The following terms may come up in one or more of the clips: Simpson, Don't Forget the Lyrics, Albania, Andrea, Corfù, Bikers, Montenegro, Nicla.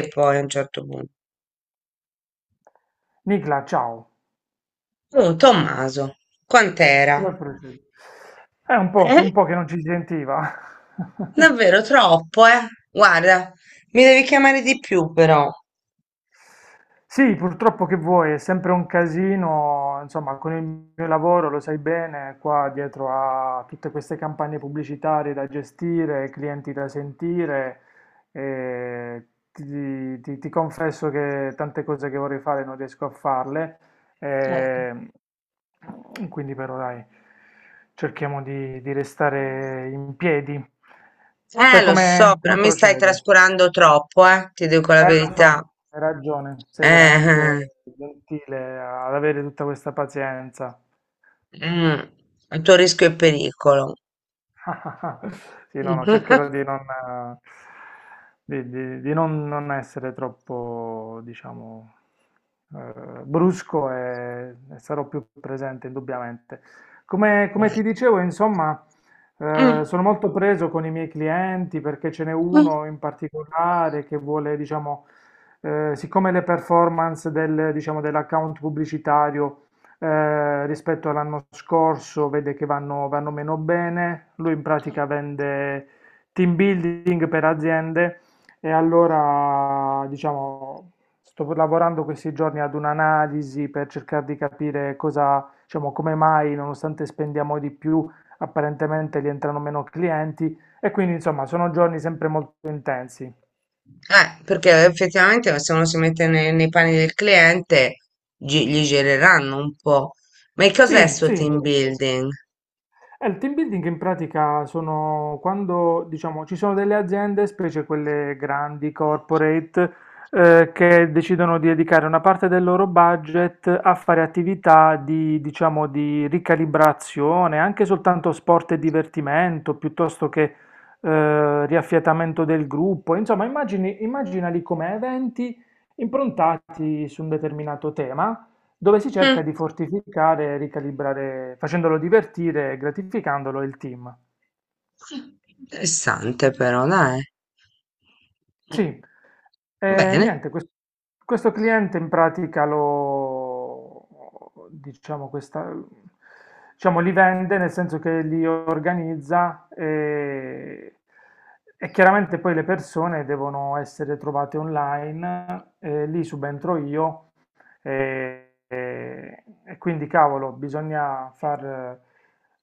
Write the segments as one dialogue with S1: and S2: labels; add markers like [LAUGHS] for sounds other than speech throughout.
S1: E poi a un certo punto.
S2: Nicla, ciao,
S1: Oh, Tommaso, quant'era?
S2: come procedi? È un po', è
S1: Eh?
S2: un po' che non ci si sentiva. [LAUGHS]
S1: Davvero troppo, eh? Guarda, mi devi chiamare di più però.
S2: Sì, purtroppo che vuoi, è sempre un casino, insomma, con il mio lavoro lo sai bene, qua dietro a tutte queste campagne pubblicitarie da gestire, clienti da sentire, e ti confesso che tante cose che vorrei fare non riesco a farle,
S1: Eh,
S2: e quindi però dai, cerchiamo di restare in piedi.
S1: Eh,
S2: Te
S1: lo
S2: come
S1: so, però
S2: come
S1: mi stai
S2: procede?
S1: trascurando troppo, eh? Ti dico la
S2: Lo so,
S1: verità.
S2: hai ragione, sei
S1: Eh, eh,
S2: veramente gentile ad avere tutta questa pazienza.
S1: eh, mm, A tuo rischio e pericolo.
S2: [LAUGHS] Sì, no, no,
S1: [LAUGHS]
S2: cercherò di non, di non essere troppo, diciamo, brusco e sarò più presente indubbiamente. Come ti dicevo, insomma,
S1: Mm.
S2: sono molto preso con i miei clienti perché ce n'è
S1: mm.
S2: uno in particolare che vuole, diciamo, siccome le performance del, diciamo, dell'account pubblicitario rispetto all'anno scorso vede che vanno meno bene, lui in pratica vende team building per aziende e allora diciamo sto lavorando questi giorni ad un'analisi per cercare di capire cosa, diciamo, come mai nonostante spendiamo di più apparentemente gli entrano meno clienti e quindi insomma sono giorni sempre molto intensi.
S1: Perché effettivamente se uno si mette nei, panni del cliente, gli gireranno un po'. Ma che cos'è
S2: Sì,
S1: sto
S2: sì.
S1: team building?
S2: Il team building in pratica sono quando, diciamo, ci sono delle aziende, specie quelle grandi, corporate, che decidono di dedicare una parte del loro budget a fare attività di, diciamo, di ricalibrazione, anche soltanto sport e divertimento, piuttosto che riaffiatamento del gruppo. Insomma, immaginali come eventi improntati su un determinato tema dove si
S1: Hm,
S2: cerca di fortificare e ricalibrare, facendolo divertire e gratificandolo il team.
S1: interessante però, dai.
S2: Sì, e
S1: Bene,
S2: niente, questo cliente in pratica lo, diciamo, questa, diciamo, li vende nel senso che li organizza e chiaramente poi le persone devono essere trovate online, e lì subentro io. E quindi, cavolo, bisogna far,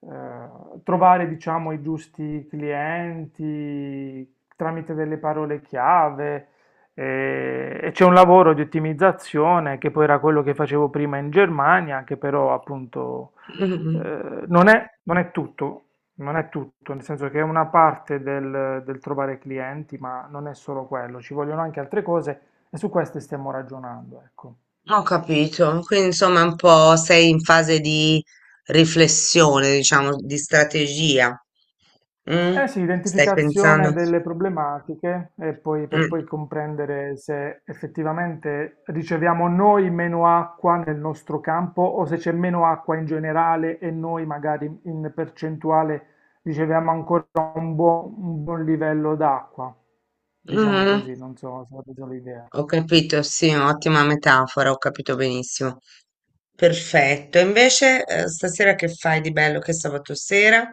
S2: trovare, diciamo, i giusti clienti tramite delle parole chiave. E c'è un lavoro di ottimizzazione che poi era quello che facevo prima in Germania, che però appunto
S1: mm,
S2: eh, non è, non è tutto, non è tutto, nel senso che è una parte del, del trovare clienti, ma non è solo quello, ci vogliono anche altre cose e su queste stiamo ragionando, ecco.
S1: ho capito. Quindi insomma è un po' sei in fase di riflessione, diciamo, di strategia. Mm,
S2: Eh sì,
S1: Stai pensando?
S2: identificazione delle problematiche e poi per
S1: Mm,
S2: poi comprendere se effettivamente riceviamo noi meno acqua nel nostro campo o se c'è meno acqua in generale e noi magari in percentuale riceviamo ancora un buon livello d'acqua. Diciamo
S1: mm,
S2: così, non so se ho preso l'idea.
S1: Ho capito, sì, ottima metafora, ho capito benissimo. Perfetto. E invece, stasera che fai di bello che è sabato sera?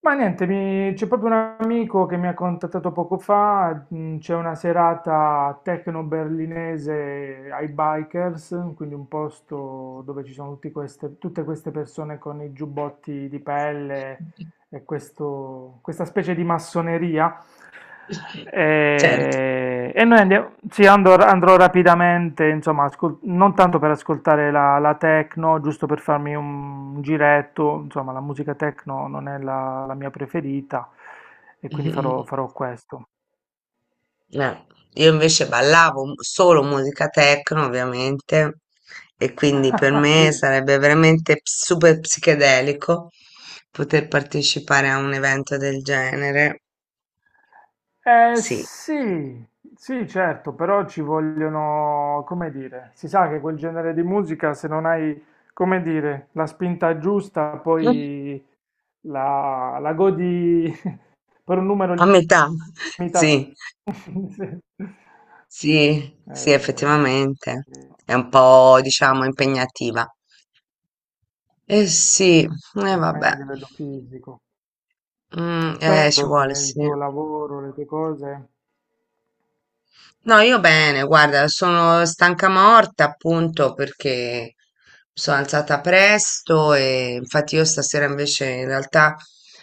S2: Ma niente, c'è proprio un amico che mi ha contattato poco fa, c'è una serata techno berlinese ai Bikers, quindi un posto dove ci sono tutte queste persone con i giubbotti di pelle e questa specie di massoneria
S1: Certo.
S2: e noi andiamo, sì, andrò rapidamente, insomma, non tanto per ascoltare la techno, giusto per farmi un giretto, insomma, la musica techno non è la mia preferita e
S1: [LAUGHS]
S2: quindi farò,
S1: Mhm.
S2: farò questo.
S1: Eh, io invece ballavo solo musica techno, ovviamente, e quindi per
S2: [LAUGHS]
S1: me
S2: Sì.
S1: sarebbe veramente super psichedelico poter partecipare a un evento del genere. Sì.
S2: Sì, sì, certo, però ci vogliono, come dire, si sa che quel genere di musica, se non hai, come dire, la spinta giusta,
S1: [LAUGHS] Mm.
S2: poi la godi per un numero
S1: A metà. [LAUGHS]
S2: limitato.
S1: Sì,
S2: [LAUGHS] Eh,
S1: sì, sì, effettivamente.
S2: sì,
S1: È un po', diciamo, impegnativa. Eh sì, e
S2: anche
S1: vabbè.
S2: a livello fisico. Te,
S1: Ci vuole,
S2: il
S1: sì.
S2: tuo lavoro, le tue cose,
S1: No, io bene, guarda, sono stanca morta appunto perché mi sono alzata presto e infatti io stasera invece in realtà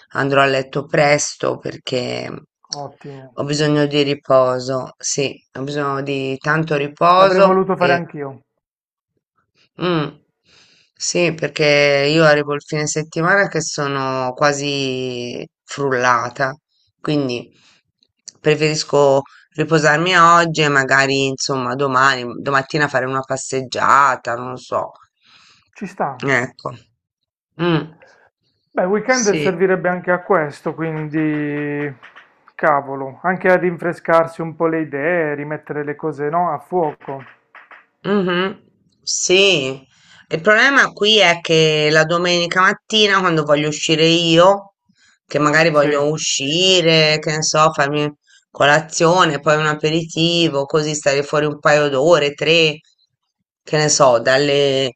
S1: andrò a letto presto perché ho
S2: ottimo.
S1: bisogno di riposo, sì, ho bisogno di tanto
S2: L'avrei
S1: riposo
S2: voluto fare
S1: e
S2: anch'io.
S1: Mm. Sì, perché io arrivo il fine settimana che sono quasi frullata, quindi preferisco riposarmi oggi e magari, insomma, domani, domattina fare una passeggiata, non lo so.
S2: Ci sta.
S1: Ecco. Mm.
S2: Beh, il weekend
S1: Sì.
S2: servirebbe anche a questo, quindi cavolo, anche a rinfrescarsi un po' le idee, rimettere le cose, no, a fuoco.
S1: Mhm, sì, il problema qui è che la domenica mattina quando voglio uscire io, che magari
S2: Sì.
S1: voglio uscire, che ne so, farmi colazione, poi un aperitivo, così stare fuori un paio d'ore, tre, che ne so, dalle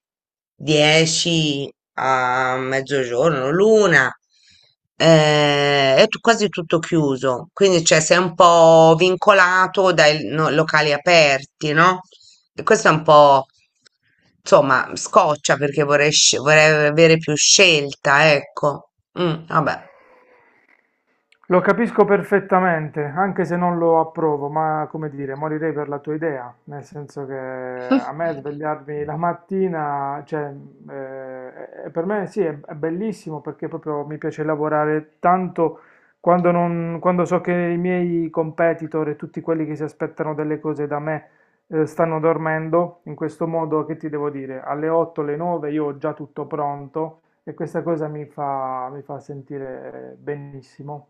S1: 10 a mezzogiorno, l'una, è quasi tutto chiuso, quindi cioè, sei un po' vincolato dai locali aperti, no? E questo è un po', insomma, scoccia perché vorrei, vorrei avere più scelta, ecco. Vabbè.
S2: Lo capisco perfettamente, anche se non lo approvo, ma come dire, morirei per la tua idea, nel senso che a me
S1: [LAUGHS]
S2: svegliarmi la mattina, cioè, per me sì, è bellissimo perché proprio mi piace lavorare tanto quando, quando so che i miei competitor e tutti quelli che si aspettano delle cose da me, stanno dormendo, in questo modo che ti devo dire, alle 8, alle 9 io ho già tutto pronto e questa cosa mi fa sentire benissimo.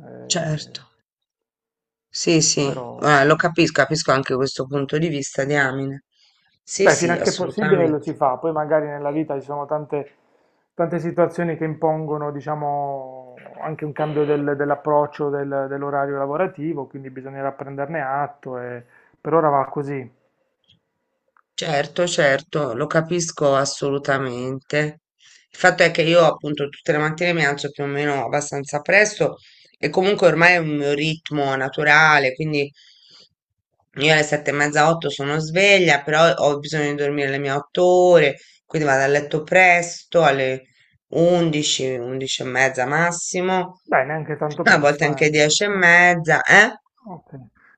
S2: Eh,
S1: Certo. Sì, sì,
S2: Però,
S1: lo capisco, capisco anche questo punto di vista, diamine. Sì,
S2: beh, fino
S1: sì,
S2: a che è possibile lo
S1: assolutamente.
S2: si fa, poi magari nella vita ci sono tante, tante situazioni che impongono, diciamo, anche un cambio dell'approccio dell'orario lavorativo, quindi bisognerà prenderne atto e per ora va così.
S1: Certo, certo, lo capisco assolutamente. Il fatto è che io appunto tutte le mattine mi alzo più o meno abbastanza presto e comunque ormai è un mio ritmo naturale, quindi io alle sette e mezza, otto sono sveglia, però ho bisogno di dormire le mie otto ore, quindi vado a letto presto, alle 11, 11 e mezza massimo,
S2: Beh, neanche tanto
S1: a volte
S2: presto,
S1: anche
S2: eh.
S1: dieci e
S2: [LAUGHS]
S1: mezza, eh?
S2: Ok.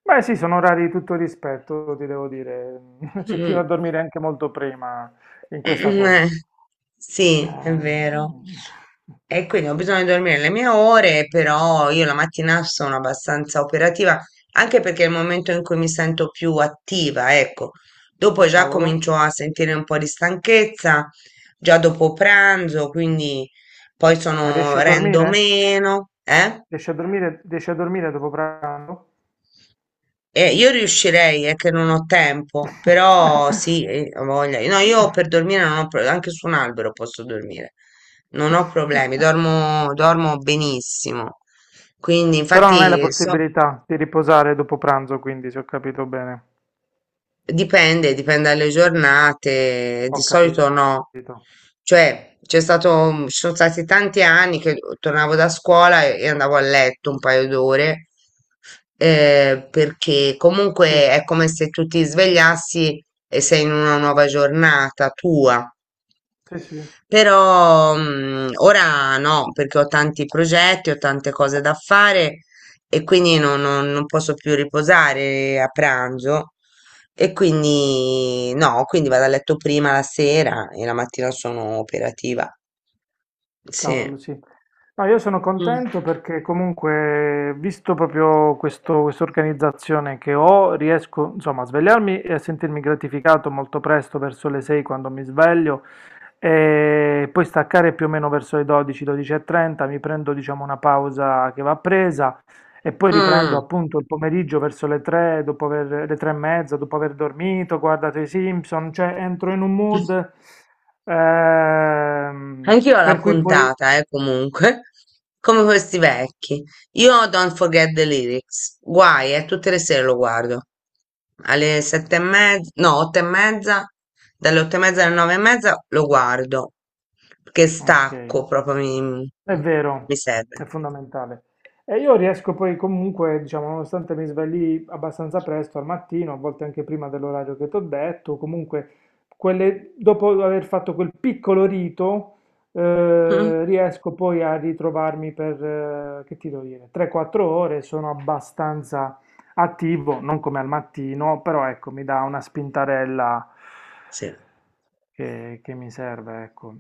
S2: Beh, sì, sono orari di tutto rispetto, ti devo dire. [LAUGHS] C'è chi va a
S1: [LAUGHS]
S2: dormire anche molto prima in questa
S1: Mm,
S2: call.
S1: eh, sì, è
S2: Eh,
S1: vero. E quindi ho bisogno di dormire le mie ore, però io la mattina sono abbastanza operativa, anche perché è il momento in cui mi sento più attiva, ecco. Dopo già
S2: Cavolo,
S1: comincio a sentire un po' di stanchezza, già dopo pranzo, quindi poi
S2: ma
S1: sono,
S2: riesci a
S1: rendo
S2: dormire?
S1: meno, eh?
S2: Riesci a dormire dopo pranzo?
S1: Io riuscirei, è che non ho tempo, però sì, ho voglia. No, io per
S2: [LAUGHS]
S1: dormire non ho anche su un albero posso dormire, non ho problemi, dormo, dormo benissimo. Quindi,
S2: Però non hai la
S1: infatti, so,
S2: possibilità di riposare dopo pranzo, quindi se ho capito bene,
S1: dipende, dipende dalle giornate, di
S2: ho
S1: solito no.
S2: capito.
S1: Cioè, c'è stato, ci sono stati tanti anni che tornavo da scuola e andavo a letto un paio d'ore, perché comunque
S2: Sì,
S1: è come se tu ti svegliassi e sei in una nuova giornata tua.
S2: sì, sì.
S1: Però, ora no, perché ho tanti progetti, ho tante cose da fare e quindi non posso più riposare a pranzo. E quindi no, quindi vado a letto prima la sera e la mattina sono operativa. Sì.
S2: Cavolo, sì. No, io sono
S1: Mm.
S2: contento perché comunque, visto proprio questa organizzazione che ho, riesco, insomma, a svegliarmi e a sentirmi gratificato molto presto, verso le 6 quando mi sveglio, e poi staccare più o meno verso le 12, 12:30, mi prendo, diciamo, una pausa che va presa e poi riprendo
S1: Mm.
S2: appunto il pomeriggio verso le 3, dopo aver, le 3 e mezza, dopo aver dormito, guardato i Simpson, cioè entro in un mood. Ehm,
S1: Anch'io ho la
S2: per cui poi.
S1: puntata, comunque, come questi vecchi. Io ho Don't Forget the Lyrics, guai, tutte le sere lo guardo. Alle sette e mezza, no, otto e mezza, dalle otto e mezza alle nove e mezza lo guardo, perché
S2: Ok.
S1: stacco, proprio mi,
S2: È vero,
S1: mi serve.
S2: è fondamentale. E io riesco poi comunque, diciamo, nonostante mi svegli abbastanza presto al mattino, a volte anche prima dell'orario che ti ho detto, comunque dopo aver fatto quel piccolo rito,
S1: Mm,
S2: riesco poi a ritrovarmi per, che ti devo dire, 3-4 ore, sono abbastanza attivo, non come al mattino, però ecco, mi dà una spintarella
S1: Sì,
S2: che mi serve, ecco.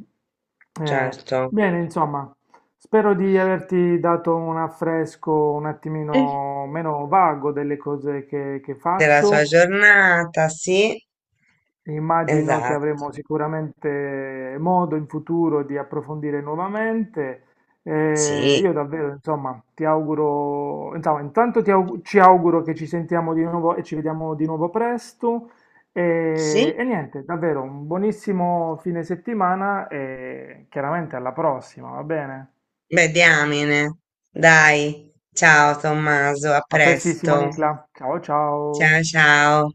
S2: Eh,
S1: certo.
S2: Bene, insomma. Spero di averti dato un affresco un attimino meno vago delle cose che
S1: Della sua
S2: faccio.
S1: giornata, sì,
S2: Immagino che
S1: esatto,
S2: avremo sicuramente modo in futuro di approfondire nuovamente.
S1: sì,
S2: Io davvero, insomma, ti auguro, insomma, intanto ci auguro che ci sentiamo di nuovo e ci vediamo di nuovo presto. E,
S1: sì,
S2: e niente, davvero un buonissimo fine settimana e chiaramente alla prossima, va bene?
S1: beh, diamine. Dai, ciao Tommaso, a
S2: A prestissimo
S1: presto.
S2: Nicla, ciao
S1: Ciao,
S2: ciao!
S1: ciao.